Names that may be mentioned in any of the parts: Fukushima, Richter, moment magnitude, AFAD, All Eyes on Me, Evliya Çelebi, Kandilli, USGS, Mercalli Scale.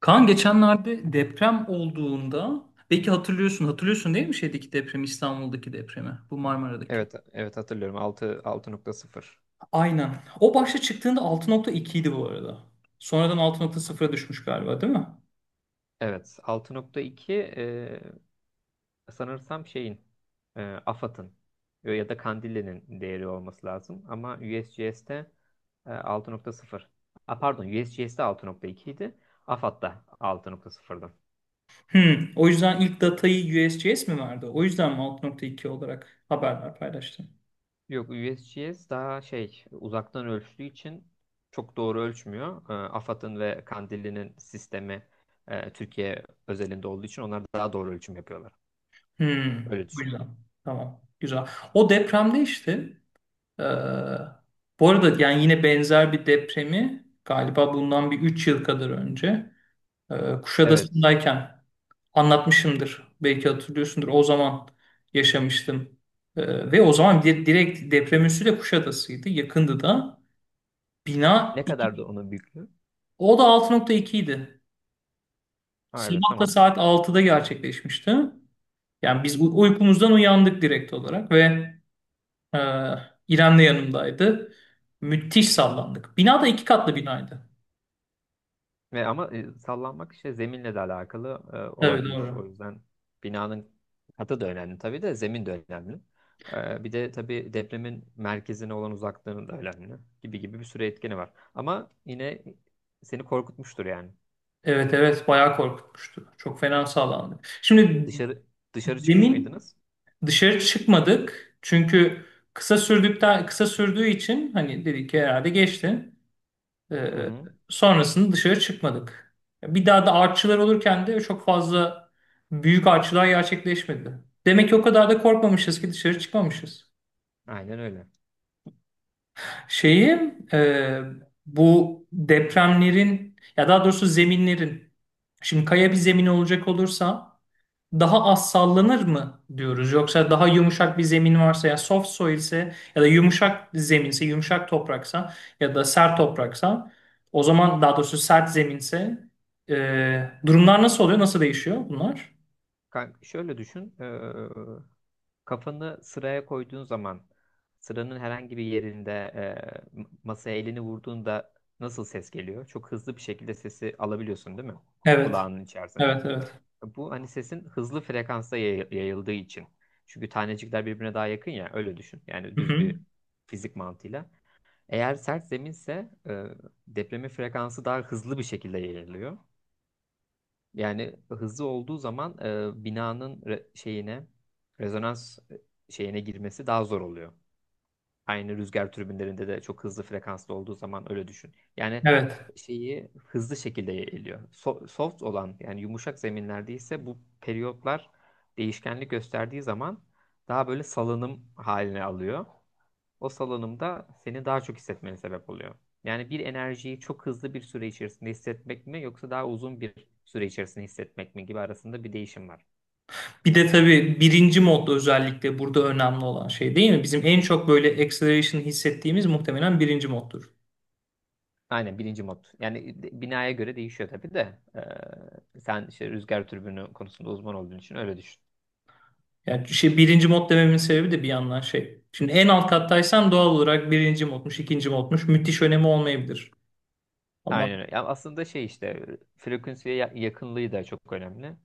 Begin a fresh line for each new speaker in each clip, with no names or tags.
Kaan geçenlerde deprem olduğunda belki hatırlıyorsun değil mi, şeydeki depremi, İstanbul'daki depremi, bu Marmara'daki.
Evet, evet hatırlıyorum. Altı nokta sıfır.
Aynen. O başta çıktığında 6.2 idi bu arada. Sonradan 6.0'a düşmüş galiba, değil mi?
Evet, 6.2 sanırsam şeyin AFAD'ın ya da Kandilli'nin değeri olması lazım ama U S G S'te 6.0. A, pardon, U S G S'te USGS'te 6.2 idi. AFAD'da 6.0'dı.
Hmm. O yüzden ilk datayı USGS mi verdi? O yüzden mi 6.2 olarak haberler paylaştı?
Yok, USGS daha şey uzaktan ölçtüğü için çok doğru ölçmüyor. AFAD'ın ve Kandilli'nin sistemi Türkiye özelinde olduğu için onlar daha doğru ölçüm yapıyorlar.
Hmm.
Öyle
Bu
düşün.
yüzden. Tamam. Güzel. O depremde işte, eee, bu arada yani yine benzer bir depremi galiba bundan bir 3 yıl kadar önce,
Evet.
Kuşadası'ndayken anlatmışımdır. Belki hatırlıyorsundur. O zaman yaşamıştım. Ve o zaman direkt deprem üssü de Kuşadası'ydı. Yakındı da. Bina
Ne kadar da
iki.
onun büyüklüğü?
O da 6.2 idi.
Ha, evet
Sabah da
tamam.
saat 6'da gerçekleşmişti. Yani biz uykumuzdan uyandık direkt olarak ve e, İrem de yanımdaydı. Müthiş sallandık. Bina da 2 katlı binaydı.
Ve ama sallanmak işte zeminle de alakalı
Evet,
olabilir. O
doğru.
yüzden binanın katı da önemli tabii de zemin de önemli. Bir de tabii depremin merkezine olan uzaklığının da önemli gibi gibi bir sürü etkeni var. Ama yine seni korkutmuştur yani.
Evet, evet, bayağı korkutmuştu. Çok fena sallandık. Şimdi
Dışarı dışarı çıkmış
demin
mıydınız?
dışarı çıkmadık çünkü kısa sürdüğü için, hani dedik ki herhalde geçti.
Hı
Ee,
hı.
sonrasında dışarı çıkmadık. Bir daha da artçılar olurken de çok fazla büyük artçılar gerçekleşmedi. Demek ki o kadar da korkmamışız ki dışarı çıkmamışız.
Aynen öyle.
Şeyi bu depremlerin, ya daha doğrusu zeminlerin, şimdi kaya bir zemin olacak olursa daha az sallanır mı diyoruz? Yoksa daha yumuşak bir zemin varsa, ya soft soil ise ya da yumuşak zeminse, yumuşak topraksa ya da sert topraksa, o zaman, daha doğrusu sert zeminse, durumlar nasıl oluyor? Nasıl değişiyor bunlar?
Kanka, şöyle düşün. Kafanı sıraya koyduğun zaman sıranın herhangi bir yerinde masaya elini vurduğunda nasıl ses geliyor? Çok hızlı bir şekilde sesi alabiliyorsun değil mi?
Evet.
Kulağının içerisine.
Evet, evet.
Bu hani sesin hızlı frekansta yayıldığı için. Çünkü tanecikler birbirine daha yakın ya, öyle düşün. Yani
Hı
düz
hı.
bir fizik mantığıyla. Eğer sert zeminse depremin frekansı daha hızlı bir şekilde yayılıyor. Yani hızlı olduğu zaman binanın şeyine, rezonans şeyine girmesi daha zor oluyor. Aynı rüzgar türbinlerinde de çok hızlı frekanslı olduğu zaman öyle düşün. Yani
Evet.
şeyi hızlı şekilde yayılıyor. Soft olan, yani yumuşak zeminlerde ise bu periyotlar değişkenlik gösterdiği zaman daha böyle salınım haline alıyor, o salınımda seni daha çok hissetmene sebep oluyor. Yani bir enerjiyi çok hızlı bir süre içerisinde hissetmek mi yoksa daha uzun bir süre içerisinde hissetmek mi gibi arasında bir değişim var.
Bir de tabii birinci modda özellikle burada önemli olan şey, değil mi? Bizim en çok böyle acceleration hissettiğimiz muhtemelen birinci moddur.
Aynen birinci mod. Yani binaya göre değişiyor tabii de. Sen işte rüzgar türbünü konusunda uzman olduğun için öyle düşün.
Yani birinci mod dememin sebebi de bir yandan şey. Şimdi en alt kattaysam doğal olarak birinci modmuş, ikinci modmuş, müthiş önemi olmayabilir. Ama
Aynen öyle. Ya aslında şey işte frekansıya yakınlığı da çok önemli.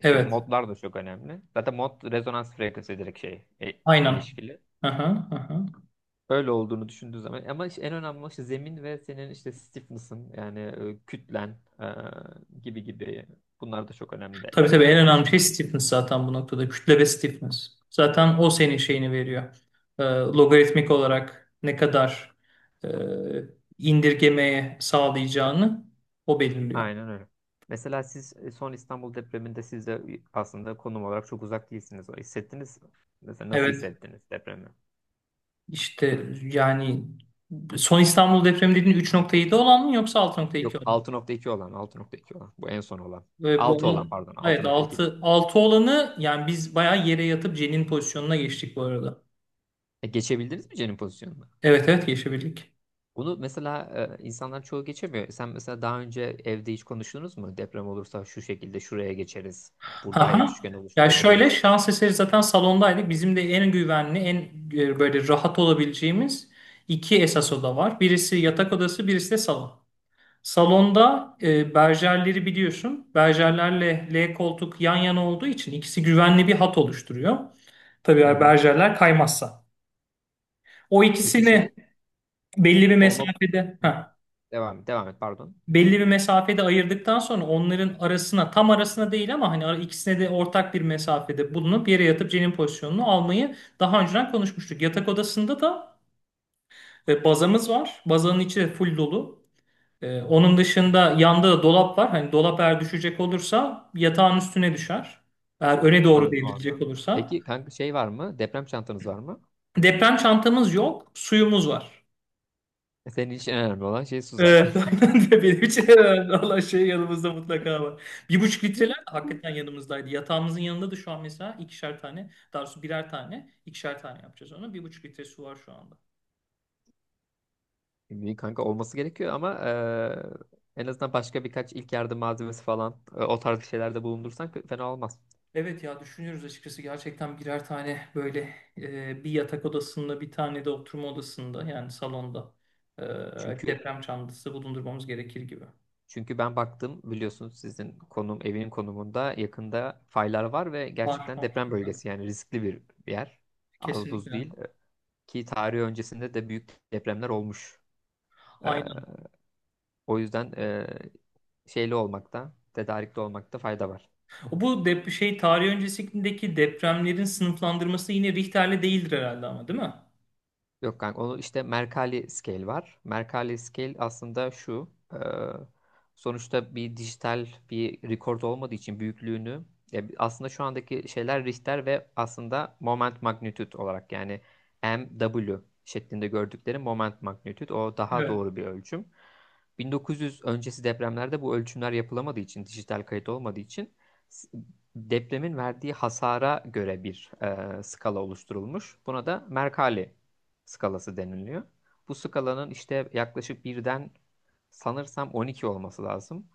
İşte
evet,
modlar da çok önemli. Zaten mod rezonans frekansı direkt şey
aynen.
ilişkili.
Aha, aha.
Öyle olduğunu düşündüğü zaman, ama işte en önemli olan işte zemin ve senin işte stiffness'ın, yani kütlen gibi gibi, bunlar da çok önemli.
Tabii,
Yani
tabii en
tek
önemli şey
başına
stiffness zaten bu noktada. Kütle ve stiffness. Zaten o senin şeyini veriyor. Logaritmik olarak ne kadar e, indirgemeye sağlayacağını o belirliyor.
aynen öyle. Mesela siz son İstanbul depreminde siz de aslında konum olarak çok uzak değilsiniz. O hissettiniz mi? Mesela nasıl
Evet,
hissettiniz depremi?
işte yani son İstanbul depremi dediğin 3.7 olan mı yoksa 6.2
Yok,
olan mı?
altı nokta iki olan bu en son olan.
Ve bu
6
al-
olan, pardon, altı
evet
nokta iki değil.
6 6 olanı, yani biz bayağı yere yatıp cenin pozisyonuna geçtik bu arada.
Geçebildiniz mi Cen'in pozisyonuna?
Evet, evet geçebildik.
Bunu mesela insanlar çoğu geçemiyor. Sen mesela daha önce evde hiç konuştunuz mu? Deprem olursa şu şekilde şuraya geçeriz. Burada hayat
Aha.
üçgeni
Ya şöyle,
oluşturabiliriz.
şans eseri zaten salondaydık. Bizim de en güvenli, en böyle rahat olabileceğimiz iki esas oda var. Birisi yatak odası, birisi de salon. Salonda berjerleri biliyorsun. Berjerlerle L koltuk yan yana olduğu için ikisi güvenli bir hat oluşturuyor. Tabii
Hı
eğer
hı.
berjerler kaymazsa. O
Peki
ikisini
şey,
belli bir
o nok-
mesafede.
hı,
Heh.
devam devam et, pardon.
Belli bir mesafede ayırdıktan sonra onların arasına, tam arasına değil ama hani ikisine de ortak bir mesafede bulunup yere yatıp cenin pozisyonunu almayı daha önceden konuşmuştuk. Yatak odasında da bazamız var. Bazanın içi de full dolu. Onun dışında yanda da dolap var. Hani dolap eğer düşecek olursa yatağın üstüne düşer, eğer öne doğru
Anladım
devrilecek
orada.
olursa.
Peki kanka, şey var mı? Deprem çantanız var mı?
Deprem çantamız yok, suyumuz var.
Senin için en önemli olan şey su zaten.
Evet, aynen de benim için herhalde Allah yanımızda mutlaka var. 1,5 litreler de hakikaten yanımızdaydı. Yatağımızın yanında da şu an mesela ikişer tane, daha doğrusu birer tane, ikişer tane yapacağız onu. 1,5 litre su var şu anda.
Şimdi kanka olması gerekiyor ama en azından başka birkaç ilk yardım malzemesi falan o tarz şeylerde bulundursan fena olmaz.
Evet ya, düşünüyoruz açıkçası gerçekten birer tane böyle, bir yatak odasında, bir tane de oturma odasında, yani salonda, e,
Çünkü
deprem çantası bulundurmamız gerekir gibi.
Çünkü ben baktım, biliyorsunuz sizin konum, evin konumunda yakında faylar var ve
Var,
gerçekten
var.
deprem bölgesi, yani riskli bir yer. Az buz
Kesinlikle.
değil. Ki tarih öncesinde de büyük depremler olmuş. Ee,
Aynen.
O yüzden şeyli olmakta, tedarikli olmakta fayda var.
Bu dep şey tarih öncesindeki depremlerin sınıflandırması yine Richter'le değildir herhalde, ama değil mi?
Yok kanka, onu işte Mercalli Scale var. Mercalli Scale aslında şu. Sonuçta bir dijital bir record olmadığı için büyüklüğünü aslında şu andaki şeyler Richter ve aslında moment magnitude olarak, yani MW şeklinde gördükleri moment magnitude, o daha
Evet.
doğru bir ölçüm. 1900 öncesi depremlerde bu ölçümler yapılamadığı için, dijital kayıt olmadığı için s- depremin verdiği hasara göre bir skala oluşturulmuş. Buna da Mercalli skalası deniliyor. Bu skalanın işte yaklaşık birden sanırsam 12 olması lazım.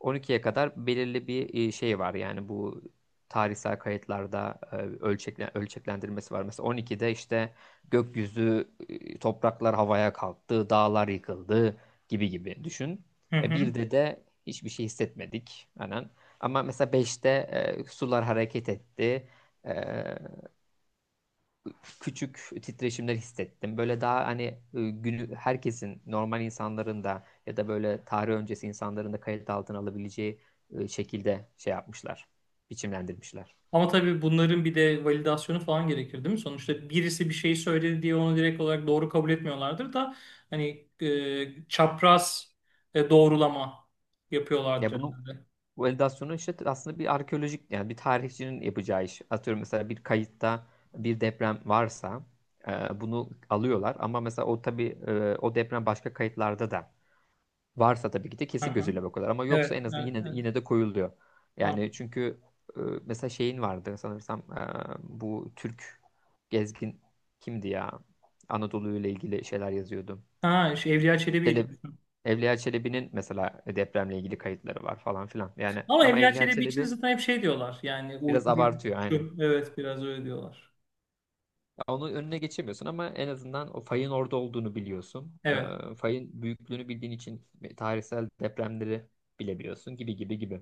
12'ye kadar belirli bir şey var. Yani bu tarihsel kayıtlarda ölçeklendirmesi var. Mesela 12'de işte gökyüzü, topraklar havaya kalktı, dağlar yıkıldı, gibi gibi düşün.
Hı hı.
Birde de hiçbir şey hissetmedik. Aynen. Ama mesela 5'te sular hareket etti. E, Küçük titreşimler hissettim. Böyle daha hani günü herkesin, normal insanların da ya da böyle tarih öncesi insanların da kayıt altına alabileceği şekilde şey yapmışlar. Biçimlendirmişler.
Ama tabii bunların bir de validasyonu falan gerekir, değil mi? Sonuçta birisi bir şey söyledi diye onu direkt olarak doğru kabul etmiyorlardır da, hani çapraz doğrulama
Ya
yapıyorlardır
bunu
herhalde.
bu validasyonu işte aslında bir arkeolojik, yani bir tarihçinin yapacağı iş. Atıyorum mesela, bir kayıtta bir deprem varsa bunu alıyorlar ama mesela o tabii o deprem başka kayıtlarda da varsa tabii ki de
Hı
kesin
hı.
gözüyle bakıyorlar ama
Evet,
yoksa en azından
evet,
yine de,
evet.
yine de koyuluyor.
Anladım.
Yani çünkü mesela şeyin vardı sanırsam bu Türk gezgin kimdi ya? Anadolu ile ilgili şeyler yazıyordu.
Ha, şu Evliya Çelebi'ydi
Çelebi,
bizim.
Evliya Çelebi'nin mesela depremle ilgili kayıtları var falan filan. Yani
Ama
ama
Evliya
Evliya
Çelebi için
Çelebi
zaten hep şey diyorlar. Yani uydu
biraz abartıyor, aynen.
şu. Evet, biraz öyle diyorlar.
Ya onun önüne geçemiyorsun ama en azından o fayın orada olduğunu biliyorsun.
Evet.
Fayın büyüklüğünü bildiğin için tarihsel depremleri bilebiliyorsun, gibi gibi gibi.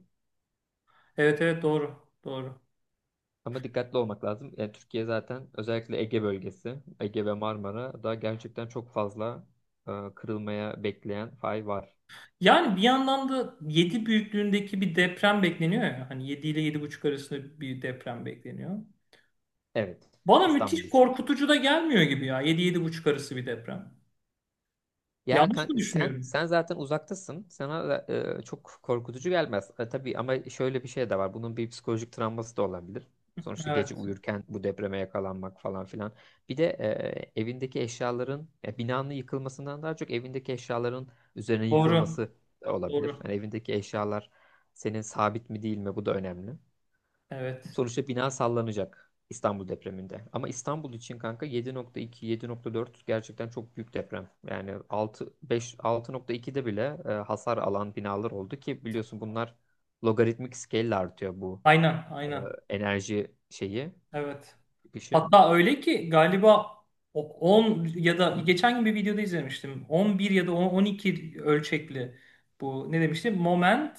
Evet, evet, doğru. Doğru.
Ama dikkatli olmak lazım. Yani Türkiye zaten, özellikle Ege bölgesi, Ege ve Marmara da gerçekten çok fazla kırılmaya bekleyen fay var.
Yani bir yandan da 7 büyüklüğündeki bir deprem bekleniyor ya. Hani 7 ile 7,5 arasında bir deprem bekleniyor.
Evet,
Bana
İstanbul
müthiş
için.
korkutucu da gelmiyor gibi ya. Yedi, 7,5 arası bir deprem.
Yani
Yanlış mı
kanka, sen
düşünüyorum?
sen zaten uzaktasın. Sana da, çok korkutucu gelmez. Tabii ama şöyle bir şey de var. Bunun bir psikolojik travması da olabilir. Sonuçta gece
Evet.
uyurken bu depreme yakalanmak falan filan. Bir de evindeki eşyaların, ya binanın yıkılmasından daha çok evindeki eşyaların üzerine
Doğru.
yıkılması da olabilir.
Doğru.
Yani evindeki eşyalar senin sabit mi değil mi, bu da önemli.
Evet.
Sonuçta bina sallanacak İstanbul depreminde. Ama İstanbul için kanka, 7.2, 7.4 gerçekten çok büyük deprem. Yani 6, 5, 6.2'de bile hasar alan binalar oldu, ki biliyorsun bunlar logaritmik scale ile artıyor, bu
Aynen.
e,
Aynen.
enerji şeyi,
Evet.
çıkışı.
Hatta öyle ki galiba, 10 ya da, geçen gün bir videoda izlemiştim, 11 ya da 10, 12 ölçekli, bu ne demiştim? Moment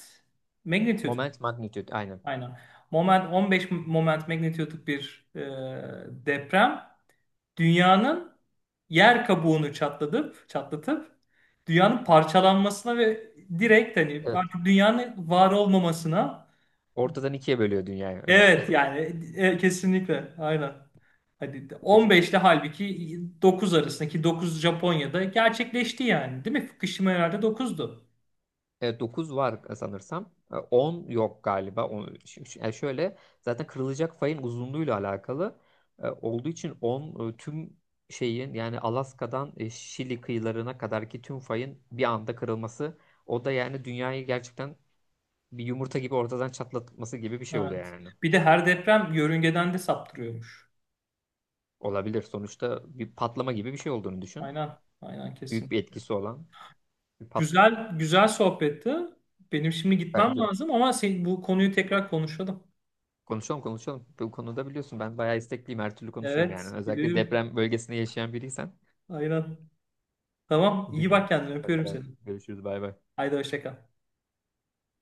magnitude.
Moment magnitude, aynen.
Aynen. 15 moment magnitude'luk bir deprem dünyanın yer kabuğunu çatlatıp çatlatıp dünyanın parçalanmasına ve direkt hani
Evet.
artık dünyanın var olmamasına,
Ortadan ikiye bölüyor dünyayı, öyle düşün.
evet yani, kesinlikle aynen. Hadi 15 ile halbuki 9 arasındaki, 9 Japonya'da gerçekleşti yani, değil mi? Fukushima herhalde 9'du.
9 var sanırsam. 10 yok galiba. On, yani şöyle, zaten kırılacak fayın uzunluğuyla alakalı olduğu için 10 tüm şeyin, yani Alaska'dan Şili kıyılarına kadarki tüm fayın bir anda kırılması, o da yani dünyayı gerçekten bir yumurta gibi ortadan çatlatması gibi bir şey oluyor
Evet.
yani.
Bir de her deprem yörüngeden de saptırıyormuş.
Olabilir. Sonuçta bir patlama gibi bir şey olduğunu düşün.
Aynen. Aynen,
Büyük
kesin.
bir etkisi olan bir pat,
Güzel güzel sohbetti. Benim şimdi gitmem
bence
lazım ama sen, bu konuyu tekrar konuşalım.
konuşalım, konuşalım. Bu konuda biliyorsun ben bayağı istekliyim. Her türlü konuşurum yani.
Evet,
Özellikle
biliyorum.
deprem bölgesinde yaşayan biriysen.
Aynen. Tamam,
Hadi
iyi
görüşürüz.
bak kendine.
Hadi
Öpüyorum
bay.
seni.
Görüşürüz. Bay bay.
Haydi, hoşça kal.